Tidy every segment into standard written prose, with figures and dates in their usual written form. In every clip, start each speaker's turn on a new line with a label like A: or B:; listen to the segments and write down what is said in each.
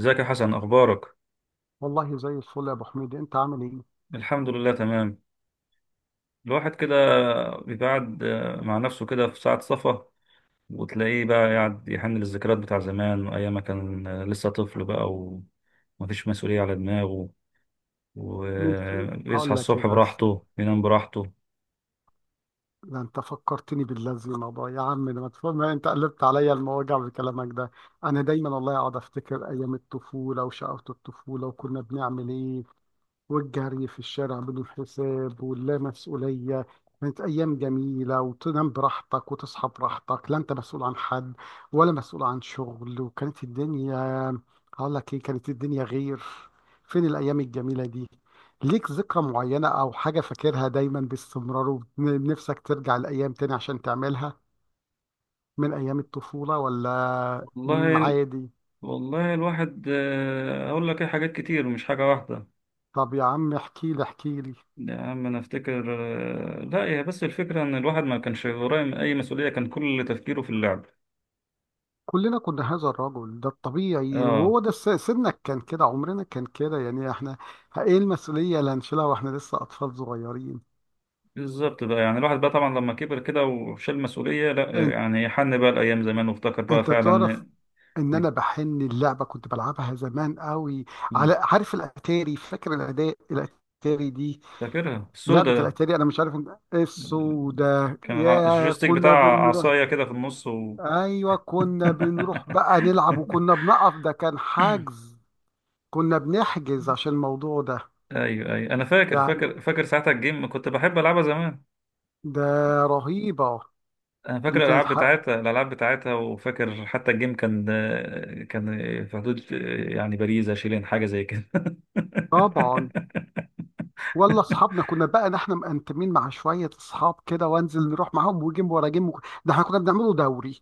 A: ازيك يا حسن، اخبارك؟
B: والله زي الفل يا ابو حميد، انت عامل ايه؟
A: الحمد لله، تمام. الواحد كده بيقعد مع نفسه كده في ساعة صفا، وتلاقيه بقى قاعد يحن للذكريات بتاع زمان وايام ما كان لسه طفل بقى، ومفيش مسؤولية على دماغه، ويصحى
B: هقول لك ايه
A: الصبح
B: بس.
A: براحته ينام براحته.
B: ده انت فكرتني باللازمه بقى يا عم، ده ما تفهم، انت قلبت عليا المواجع بكلامك ده. انا دايما والله اقعد افتكر ايام الطفوله وشقاوه الطفوله وكنا بنعمل ايه، والجري في الشارع بدون حساب واللا مسؤولية. كانت أيام جميلة، وتنام براحتك وتصحى براحتك، لا أنت مسؤول عن حد ولا مسؤول عن شغل. وكانت الدنيا، هقول لك إيه، كانت الدنيا غير. فين الأيام الجميلة دي؟ ليك ذكرى معينة أو حاجة فاكرها دايما باستمرار ونفسك ترجع الأيام تاني عشان تعملها من أيام الطفولة، ولا
A: والله،
B: عادي؟
A: والله الواحد اقول لك ايه، حاجات كتير مش حاجة واحدة.
B: طب يا عم احكي لي احكي لي.
A: يا عم انا افتكر، لا هي بس الفكرة ان الواحد ما كانش وراه اي مسؤولية، كان كل تفكيره في اللعب.
B: كلنا كنا هذا الرجل، ده الطبيعي،
A: اه.
B: وهو ده سنك، كان كده، عمرنا كان كده يعني. احنا ايه المسؤولية اللي هنشيلها واحنا لسه اطفال صغيرين؟
A: بالظبط بقى، يعني الواحد بقى طبعا لما كبر كده وشال مسؤولية، لا
B: انت
A: يعني حن بقى الأيام زمان وافتكر بقى
B: انت تعرف
A: فعلا.
B: ان
A: إنك-
B: انا بحن اللعبة كنت بلعبها زمان قوي.
A: مم.
B: على عارف الاتاري، فاكر الاداء الاتاري دي،
A: فاكرها
B: لعبة
A: السودة ده.
B: الاتاري. انا مش عارف ان السودا،
A: كان
B: يا
A: الجويستيك
B: كنا
A: بتاع
B: بنروح.
A: عصاية كده في النص.
B: ايوه كنا بنروح بقى نلعب، وكنا بنقف، ده كان حجز. كنا بنحجز عشان الموضوع ده
A: أيوه، أيوه، أنا فاكر
B: يعني.
A: فاكر فاكر ساعتها الجيم كنت بحب ألعبها زمان.
B: ده رهيبة.
A: أنا فاكر
B: دي كانت
A: الألعاب
B: حق
A: بتاعتها وفاكر حتى الجيم كان، كان في حدود، يعني باريزا شيلين حاجة زي كده.
B: طبعا. ولا اصحابنا كنا بقى احنا مقنتمين مع شوية اصحاب كده، وانزل نروح معاهم، وجيم ورا جيم، ده احنا كنا بنعمله دوري.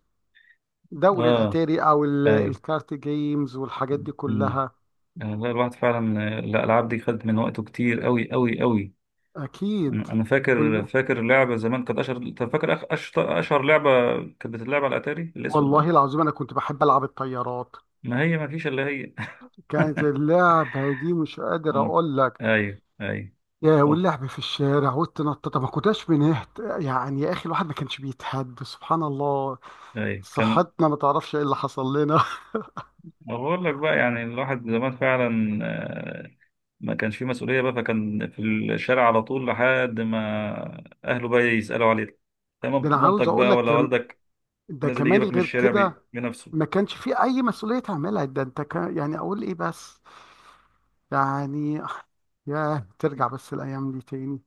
B: دوري
A: آه.
B: الاتاري او
A: أيوه.
B: الكارت جيمز والحاجات دي
A: مم.
B: كلها.
A: يعني والله الواحد فعلا، الالعاب دي خدت من وقته كتير قوي قوي قوي.
B: اكيد
A: انا فاكر
B: كلنا.
A: فاكر لعبه زمان كانت اشهر. طب فاكر اشهر اشهر لعبه كانت بتتلعب على الاتاري الاسود ده.
B: والله العظيم انا كنت بحب العب الطيارات.
A: ما هي ما فيش الا هي.
B: كانت اللعبة دي مش قادر
A: مم.
B: اقول لك.
A: ايوه، ايوه.
B: يا
A: اوه،
B: واللعب في الشارع والتنطط، ما كناش بنهت يعني يا اخي. الواحد ما كانش بيتهد، سبحان الله.
A: ايوه، كان.
B: صحتنا، ما تعرفش ايه اللي حصل لنا.
A: بقول لك بقى يعني الواحد زمان فعلا، آه، ما كانش فيه مسؤوليه بقى، فكان في الشارع على طول لحد ما اهله بقى يسالوا عليه.
B: ده
A: تمام،
B: انا
A: مامتك
B: عاوز اقول
A: بقى
B: لك
A: ولا
B: كم.
A: والدك،
B: ده
A: نازل
B: كمان
A: يجيبك من
B: غير
A: الشارع
B: كده.
A: بنفسه.
B: ما كانش في اي مسؤوليه تعملها، ده انت كان يعني اقول ايه بس. يعني يا ترجع بس الايام دي تاني.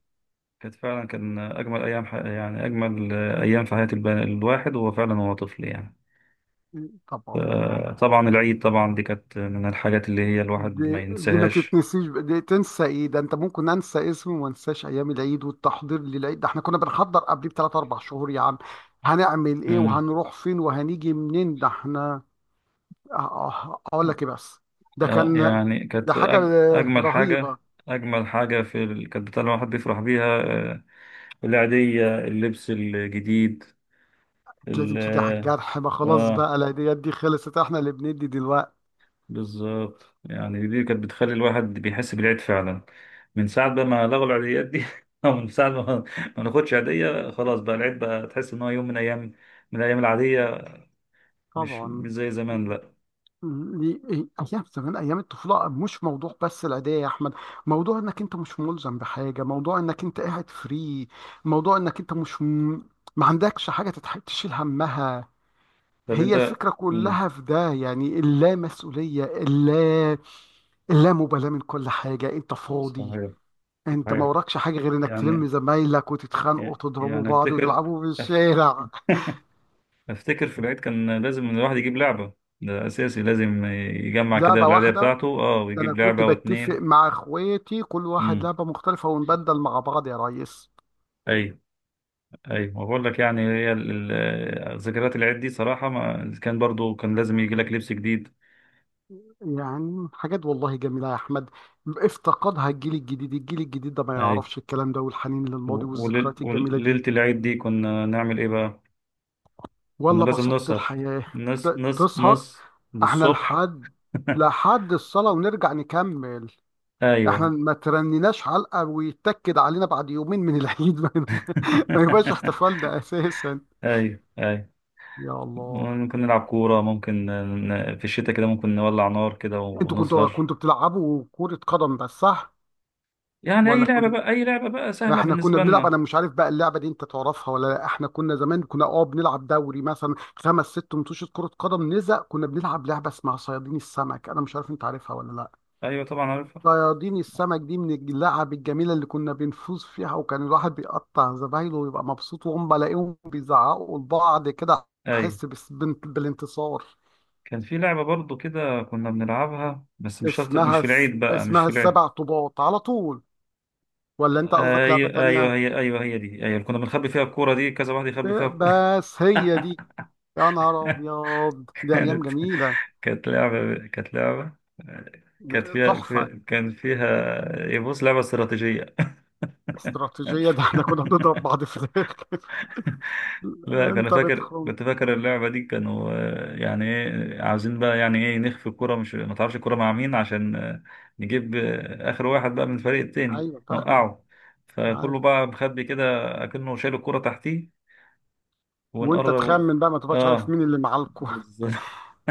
A: كانت فعلا كان أجمل أيام، يعني أجمل أيام في حياة الواحد، وهو فعلا هو طفل يعني.
B: طبعا.
A: طبعا، العيد طبعا دي كانت من الحاجات اللي هي الواحد ما
B: دي, دي ما
A: ينساهاش.
B: تتنسيش، دي تنسى ايه؟ ده انت ممكن انسى اسمه وما انساش ايام العيد والتحضير للعيد. ده احنا كنا بنحضر قبليه بثلاث اربع شهور يا عم. هنعمل ايه
A: امم.
B: وهنروح فين وهنيجي منين، ده احنا. اقول لك ايه بس. ده كان،
A: يعني
B: ده
A: كانت
B: حاجة
A: أجمل
B: رهيبة.
A: حاجة، أجمل حاجة كانت بتاع الواحد بيفرح بيها، العيدية، اللبس الجديد.
B: كانت
A: ال...
B: لازم تيجي على الجرح، ما خلاص
A: آه
B: بقى العيديات دي خلصت، احنا اللي بندي دلوقتي.
A: بالظبط، يعني دي كانت بتخلي الواحد بيحس بالعيد فعلا. من ساعة بقى ما لغوا العيديات دي، أو من ساعة ما ناخدش عيدية، خلاص بقى العيد بقى تحس إن هو يوم من أيام، من الأيام العادية، مش
B: طبعا.
A: مش زي زمان. لأ.
B: دي ايام زمان، ايام الطفوله، مش موضوع بس العيديه يا احمد. موضوع انك انت مش ملزم بحاجه، موضوع انك انت قاعد فري. موضوع انك انت مش م... ما عندكش حاجه تشيل همها.
A: طب
B: هي
A: أنت.
B: الفكره
A: مم.
B: كلها في ده يعني، اللا مسؤوليه، اللامبالاه من كل حاجه، انت فاضي.
A: صحيح،
B: انت ما
A: صحيح.
B: وراكش حاجه غير انك تلم
A: يعني،
B: زمايلك وتتخانقوا وتضربوا بعض
A: أفتكر،
B: وتلعبوا في
A: أف-
B: الشارع.
A: أفتكر في العيد كان لازم الواحد يجيب لعبة، ده أساسي، لازم يجمع كده
B: لعبه
A: العيدية
B: واحده.
A: بتاعته. أه،
B: ده انا
A: ويجيب
B: كنت
A: لعبة
B: بتفق
A: واتنين.
B: مع اخواتي، كل واحد
A: مم.
B: لعبه مختلفه ونبدل مع بعض يا ريس.
A: أي. ايوه، ما بقول لك يعني هي ذكريات العيد دي صراحه، ما كان برضو كان لازم يجي لك لبس جديد.
B: يعني حاجات والله جميله يا احمد، افتقدها الجيل الجديد. الجيل الجديد ده ما
A: ايوه.
B: يعرفش الكلام ده والحنين للماضي والذكريات الجميله دي.
A: وليله العيد دي، كنا نعمل ايه بقى؟ كنا
B: ولا
A: لازم
B: بسطت
A: نسهر
B: الحياه.
A: نص
B: ت-
A: نص
B: تسهر
A: نص
B: احنا
A: للصبح.
B: لحد لحد الصلاه ونرجع نكمل. احنا
A: ايوه.
B: ما ترنيناش علقه ويتاكد علينا بعد يومين من العيد ما يبقاش احتفالنا اساسا.
A: ايوه، ايوه.
B: يا الله.
A: ممكن نلعب كوره، ممكن في الشتاء كده ممكن نولع نار كده
B: انتوا كنتوا
A: ونسهر.
B: كنتوا بتلعبوا كرة قدم بس، صح؟
A: يعني اي
B: ولا
A: لعبه
B: كنتوا،
A: بقى، اي لعبه بقى سهله
B: احنا كنا
A: بالنسبه
B: بنلعب.
A: لنا.
B: انا مش عارف بقى اللعبة دي انت تعرفها ولا لا. احنا كنا زمان كنا بنلعب دوري مثلا خمس ست متوشة كرة قدم نزق. كنا بنلعب لعبة اسمها صيادين السمك، انا مش عارف انت عارفها ولا لا.
A: ايوه طبعا، عارفها.
B: صيادين السمك دي من اللعب الجميلة اللي كنا بنفوز فيها، وكان الواحد بيقطع زمايله ويبقى مبسوط، وهم بلاقيهم بيزعقوا لبعض كده.
A: ايوه،
B: احس بالانتصار.
A: كان في لعبة برضو كده كنا بنلعبها، بس مش شرط، مش
B: اسمها
A: في العيد بقى، مش
B: اسمها
A: في العيد.
B: السبع طوبات على طول. ولا انت قصدك لعبة
A: أيوة، أيوة،
B: تانية؟
A: هي أيوة هي دي. أيوة، كنا بنخبي فيها الكورة دي، كذا واحد يخبي فيها الكورة.
B: بس هي دي. يا نهار ابيض، دي ايام
A: كانت
B: جميله.
A: كانت لعبة، كانت
B: ده
A: فيها
B: تحفه.
A: كان فيها، يبص، لعبة استراتيجية.
B: استراتيجيه. ده احنا كنا بنضرب بعض في الاخر.
A: لا كان
B: انت
A: فاكر،
B: بتخم.
A: كنت فاكر اللعبة دي، كانوا يعني ايه عاوزين بقى، يعني ايه نخفي الكرة، مش ما تعرفش الكرة مع مين، عشان نجيب آخر واحد بقى من الفريق التاني،
B: ايوه فاهمك.
A: نوقعه،
B: مش عارف.
A: فكله بقى مخبي كده، أكنه شايل الكرة تحتيه،
B: وانت
A: ونقرب.
B: تخمن بقى، ما تبقاش عارف
A: اه،
B: مين اللي معاكوا.
A: بالظبط.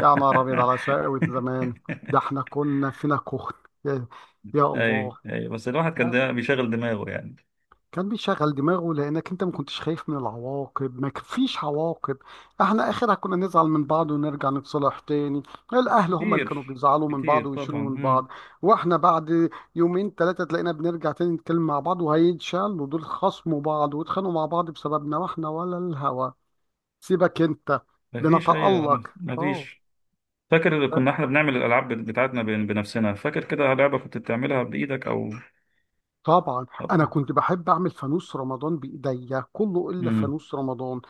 B: يا نهار ابيض على شقاوة زمان. ده احنا كنا فينا كخن. يا يا الله.
A: اي، اي. بس الواحد كان
B: بس
A: ده بيشغل دماغه يعني.
B: كان بيشغل دماغه، لانك انت ما كنتش خايف من العواقب، ما فيش عواقب. احنا اخرها كنا نزعل من بعض ونرجع نتصالح تاني. الاهل هم اللي كانوا
A: كتير،
B: بيزعلوا من بعض
A: كتير طبعا.
B: ويشيلوا من
A: مم.
B: بعض. واحنا بعد يومين ثلاثة تلاقينا بنرجع تاني نتكلم مع بعض، وهيتشالوا دول خصموا بعض واتخانقوا مع بعض بسببنا، واحنا ولا الهوى. سيبك انت.
A: مفيش. ايوه.
B: بنتألق. اه
A: مفيش. فاكر اللي كنا احنا بنعمل الالعاب بتاعتنا بنفسنا، فاكر كده لعبه كنت بتعملها بايدك او...
B: طبعا، انا كنت بحب اعمل فانوس رمضان بايديا. كله الا
A: امم.
B: فانوس رمضان.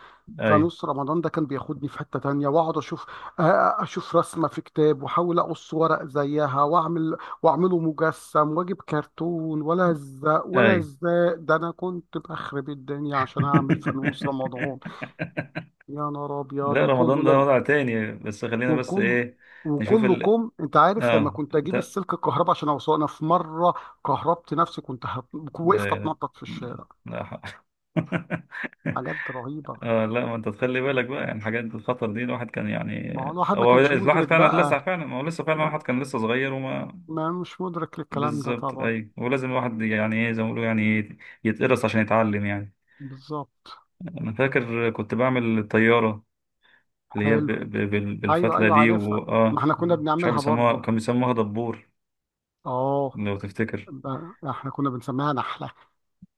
A: اي،
B: فانوس رمضان ده كان بياخدني في حتة تانية. واقعد اشوف رسمة في كتاب، واحاول اقص ورق زيها، واعمله مجسم، واجيب كرتون ولا الزق ولا
A: اي.
B: الزق ده انا كنت بخرب الدنيا عشان اعمل فانوس رمضان. يا نهار ابيض
A: لا،
B: وكله
A: رمضان ده
B: لم.
A: وضع تاني، بس خلينا بس
B: وكل
A: ايه، نشوف
B: وكله كم. انت عارف لما
A: اه
B: كنت اجيب
A: ده.
B: السلك الكهرباء عشان اوصله، انا في مره كهربت نفسي، وقفت
A: ده
B: اتنطط في الشارع.
A: لا،
B: حاجات رهيبة.
A: اه لا، ما انت تخلي بالك بقى يعني الحاجات دي، الخطر دي الواحد كان يعني،
B: ما هو الواحد ما
A: هو
B: كانش
A: لاحظ
B: مدرك
A: فعلا لسه
B: بقى.
A: فعلا، ما هو لسه فعلا
B: يعني
A: الواحد كان لسه صغير وما...
B: ما مش مدرك للكلام ده
A: بالظبط،
B: طبعا.
A: ايوه، ولازم الواحد، يعني ايه، زي ما بيقولوا، يعني ايه، يتقرص عشان يتعلم يعني.
B: بالظبط.
A: انا فاكر كنت بعمل الطياره اللي هي
B: حلو. ايوه
A: بالفتله
B: ايوه
A: دي،
B: عارفها. ما احنا كنا
A: مش عارف
B: بنعملها
A: بيسموها،
B: برضو.
A: كانوا بيسموها دبور،
B: اه،
A: لو تفتكر.
B: احنا كنا بنسميها نحلة.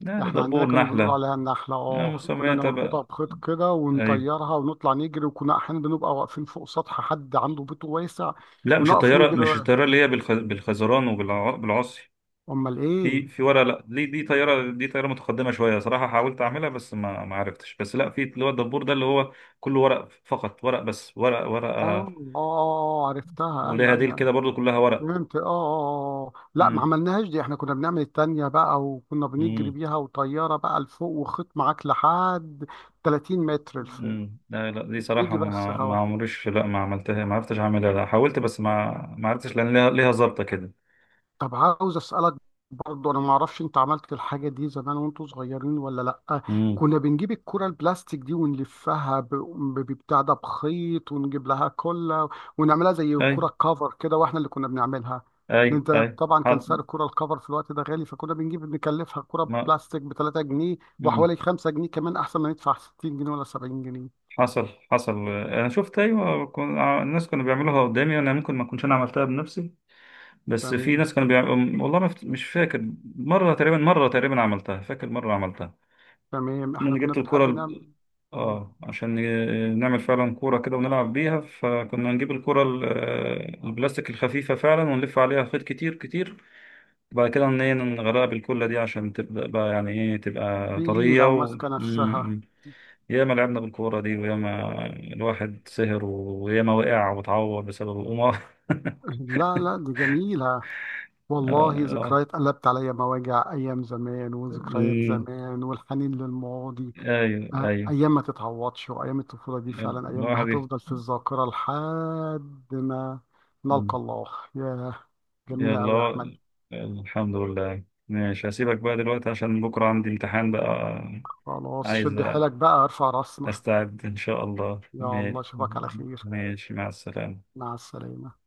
A: يعني
B: احنا عندنا
A: دبور،
B: كانوا بنقول
A: نحله،
B: عليها النحلة.
A: يعني
B: اه كنا
A: مسمياتها
B: نربطها
A: بقى.
B: بخيط كده
A: ايوه.
B: ونطيرها ونطلع نجري، وكنا احيانا بنبقى واقفين فوق سطح حد عنده بيت واسع.
A: لا، مش
B: ونقف
A: الطياره،
B: نجري.
A: مش الطياره اللي هي بالخزران وبالعصي،
B: امال ايه.
A: في في ورقه. لا، دي طياره، طياره متقدمه شويه صراحه، حاولت اعملها بس ما عرفتش. بس لا، في اللي هو الدبور ده اللي هو كله ورق، فقط ورق، بس ورق،
B: اه
A: ورقه،
B: اه اه عرفتها،
A: وليها
B: ايوه
A: ديل
B: ايوه.
A: كده برضو كلها ورق.
B: فهمت اه لا ما
A: امم،
B: عملناهاش دي، احنا كنا بنعمل التانية بقى وكنا بنجري
A: امم،
B: بيها، وطيارة بقى لفوق وخيط معاك لحد 30 متر لفوق.
A: امم. لا، لا، دي صراحة
B: يجي بس
A: ما
B: هوا.
A: عمريش، لا ما عملتها، ما عرفتش اعملها، لا حاولت بس ما عرفتش لان ليها ظابطة كده.
B: طب عاوز اسالك، برضه انا ما اعرفش انت عملت الحاجه دي زمان وانتوا صغيرين ولا لا؟
A: امم.
B: كنا بنجيب الكره البلاستيك دي ونلفها ببتاع ده بخيط، ونجيب لها كله ونعملها زي
A: اي،
B: الكره كفر كده، واحنا اللي كنا بنعملها.
A: اي،
B: انت.
A: اي.
B: طبعا كان
A: ح-
B: سعر الكره الكفر في الوقت ده غالي، فكنا بنجيب نكلفها كره
A: ما...
B: بلاستيك ب 3 جنيه وحوالي
A: مم.
B: 5 جنيه، كمان احسن ما ندفع 60 جنيه ولا 70 جنيه.
A: حصل، حصل، انا شفت، ايوه، الناس كانوا بيعملوها قدامي، انا ممكن ما كنتش انا عملتها بنفسي، بس في
B: تمام.
A: ناس كانوا بيعملوا. والله ما فت- مش فاكر. مره تقريبا عملتها، فاكر مره عملتها،
B: تمام
A: ان
B: احنا
A: انا
B: كنا
A: جبت
B: بنحب
A: الكره.
B: نعمل. اه،
A: اه، عشان نعمل فعلا كورة كده ونلعب بيها، فكنا نجيب الكورة البلاستيك الخفيفة فعلا، ونلف عليها خيط كتير كتير، وبعد كده إن هي نغرقها بالكلة دي عشان تبقى بقى يعني ايه
B: في
A: تبقى
B: إيه
A: طرية.
B: لو ماسكه نفسها.
A: مم. ياما لعبنا بالكورة دي، وياما الواحد سهر، وياما وقع واتعور بسبب القمار.
B: لا لا دي جميله. والله
A: آه، آه.
B: ذكريات قلبت عليا مواجع، أيام زمان وذكريات
A: مم.
B: زمان والحنين للماضي.
A: ايوه، ايوه.
B: أيام ما تتعوضش، وأيام الطفولة دي فعلا أيام
A: الواحد
B: هتفضل في الذاكرة لحد ما نلقى
A: يفتح.
B: الله. يا جميلة
A: يلا
B: أوي يا
A: هو-
B: أحمد.
A: الحمد لله، ماشي، هسيبك بقى دلوقتي عشان بكرة عندي امتحان بقى،
B: خلاص،
A: عايز
B: شد حيلك بقى، ارفع راسنا.
A: أستعد إن شاء الله.
B: يا الله، أشوفك على خير.
A: ماشي، مع السلامة.
B: مع السلامة.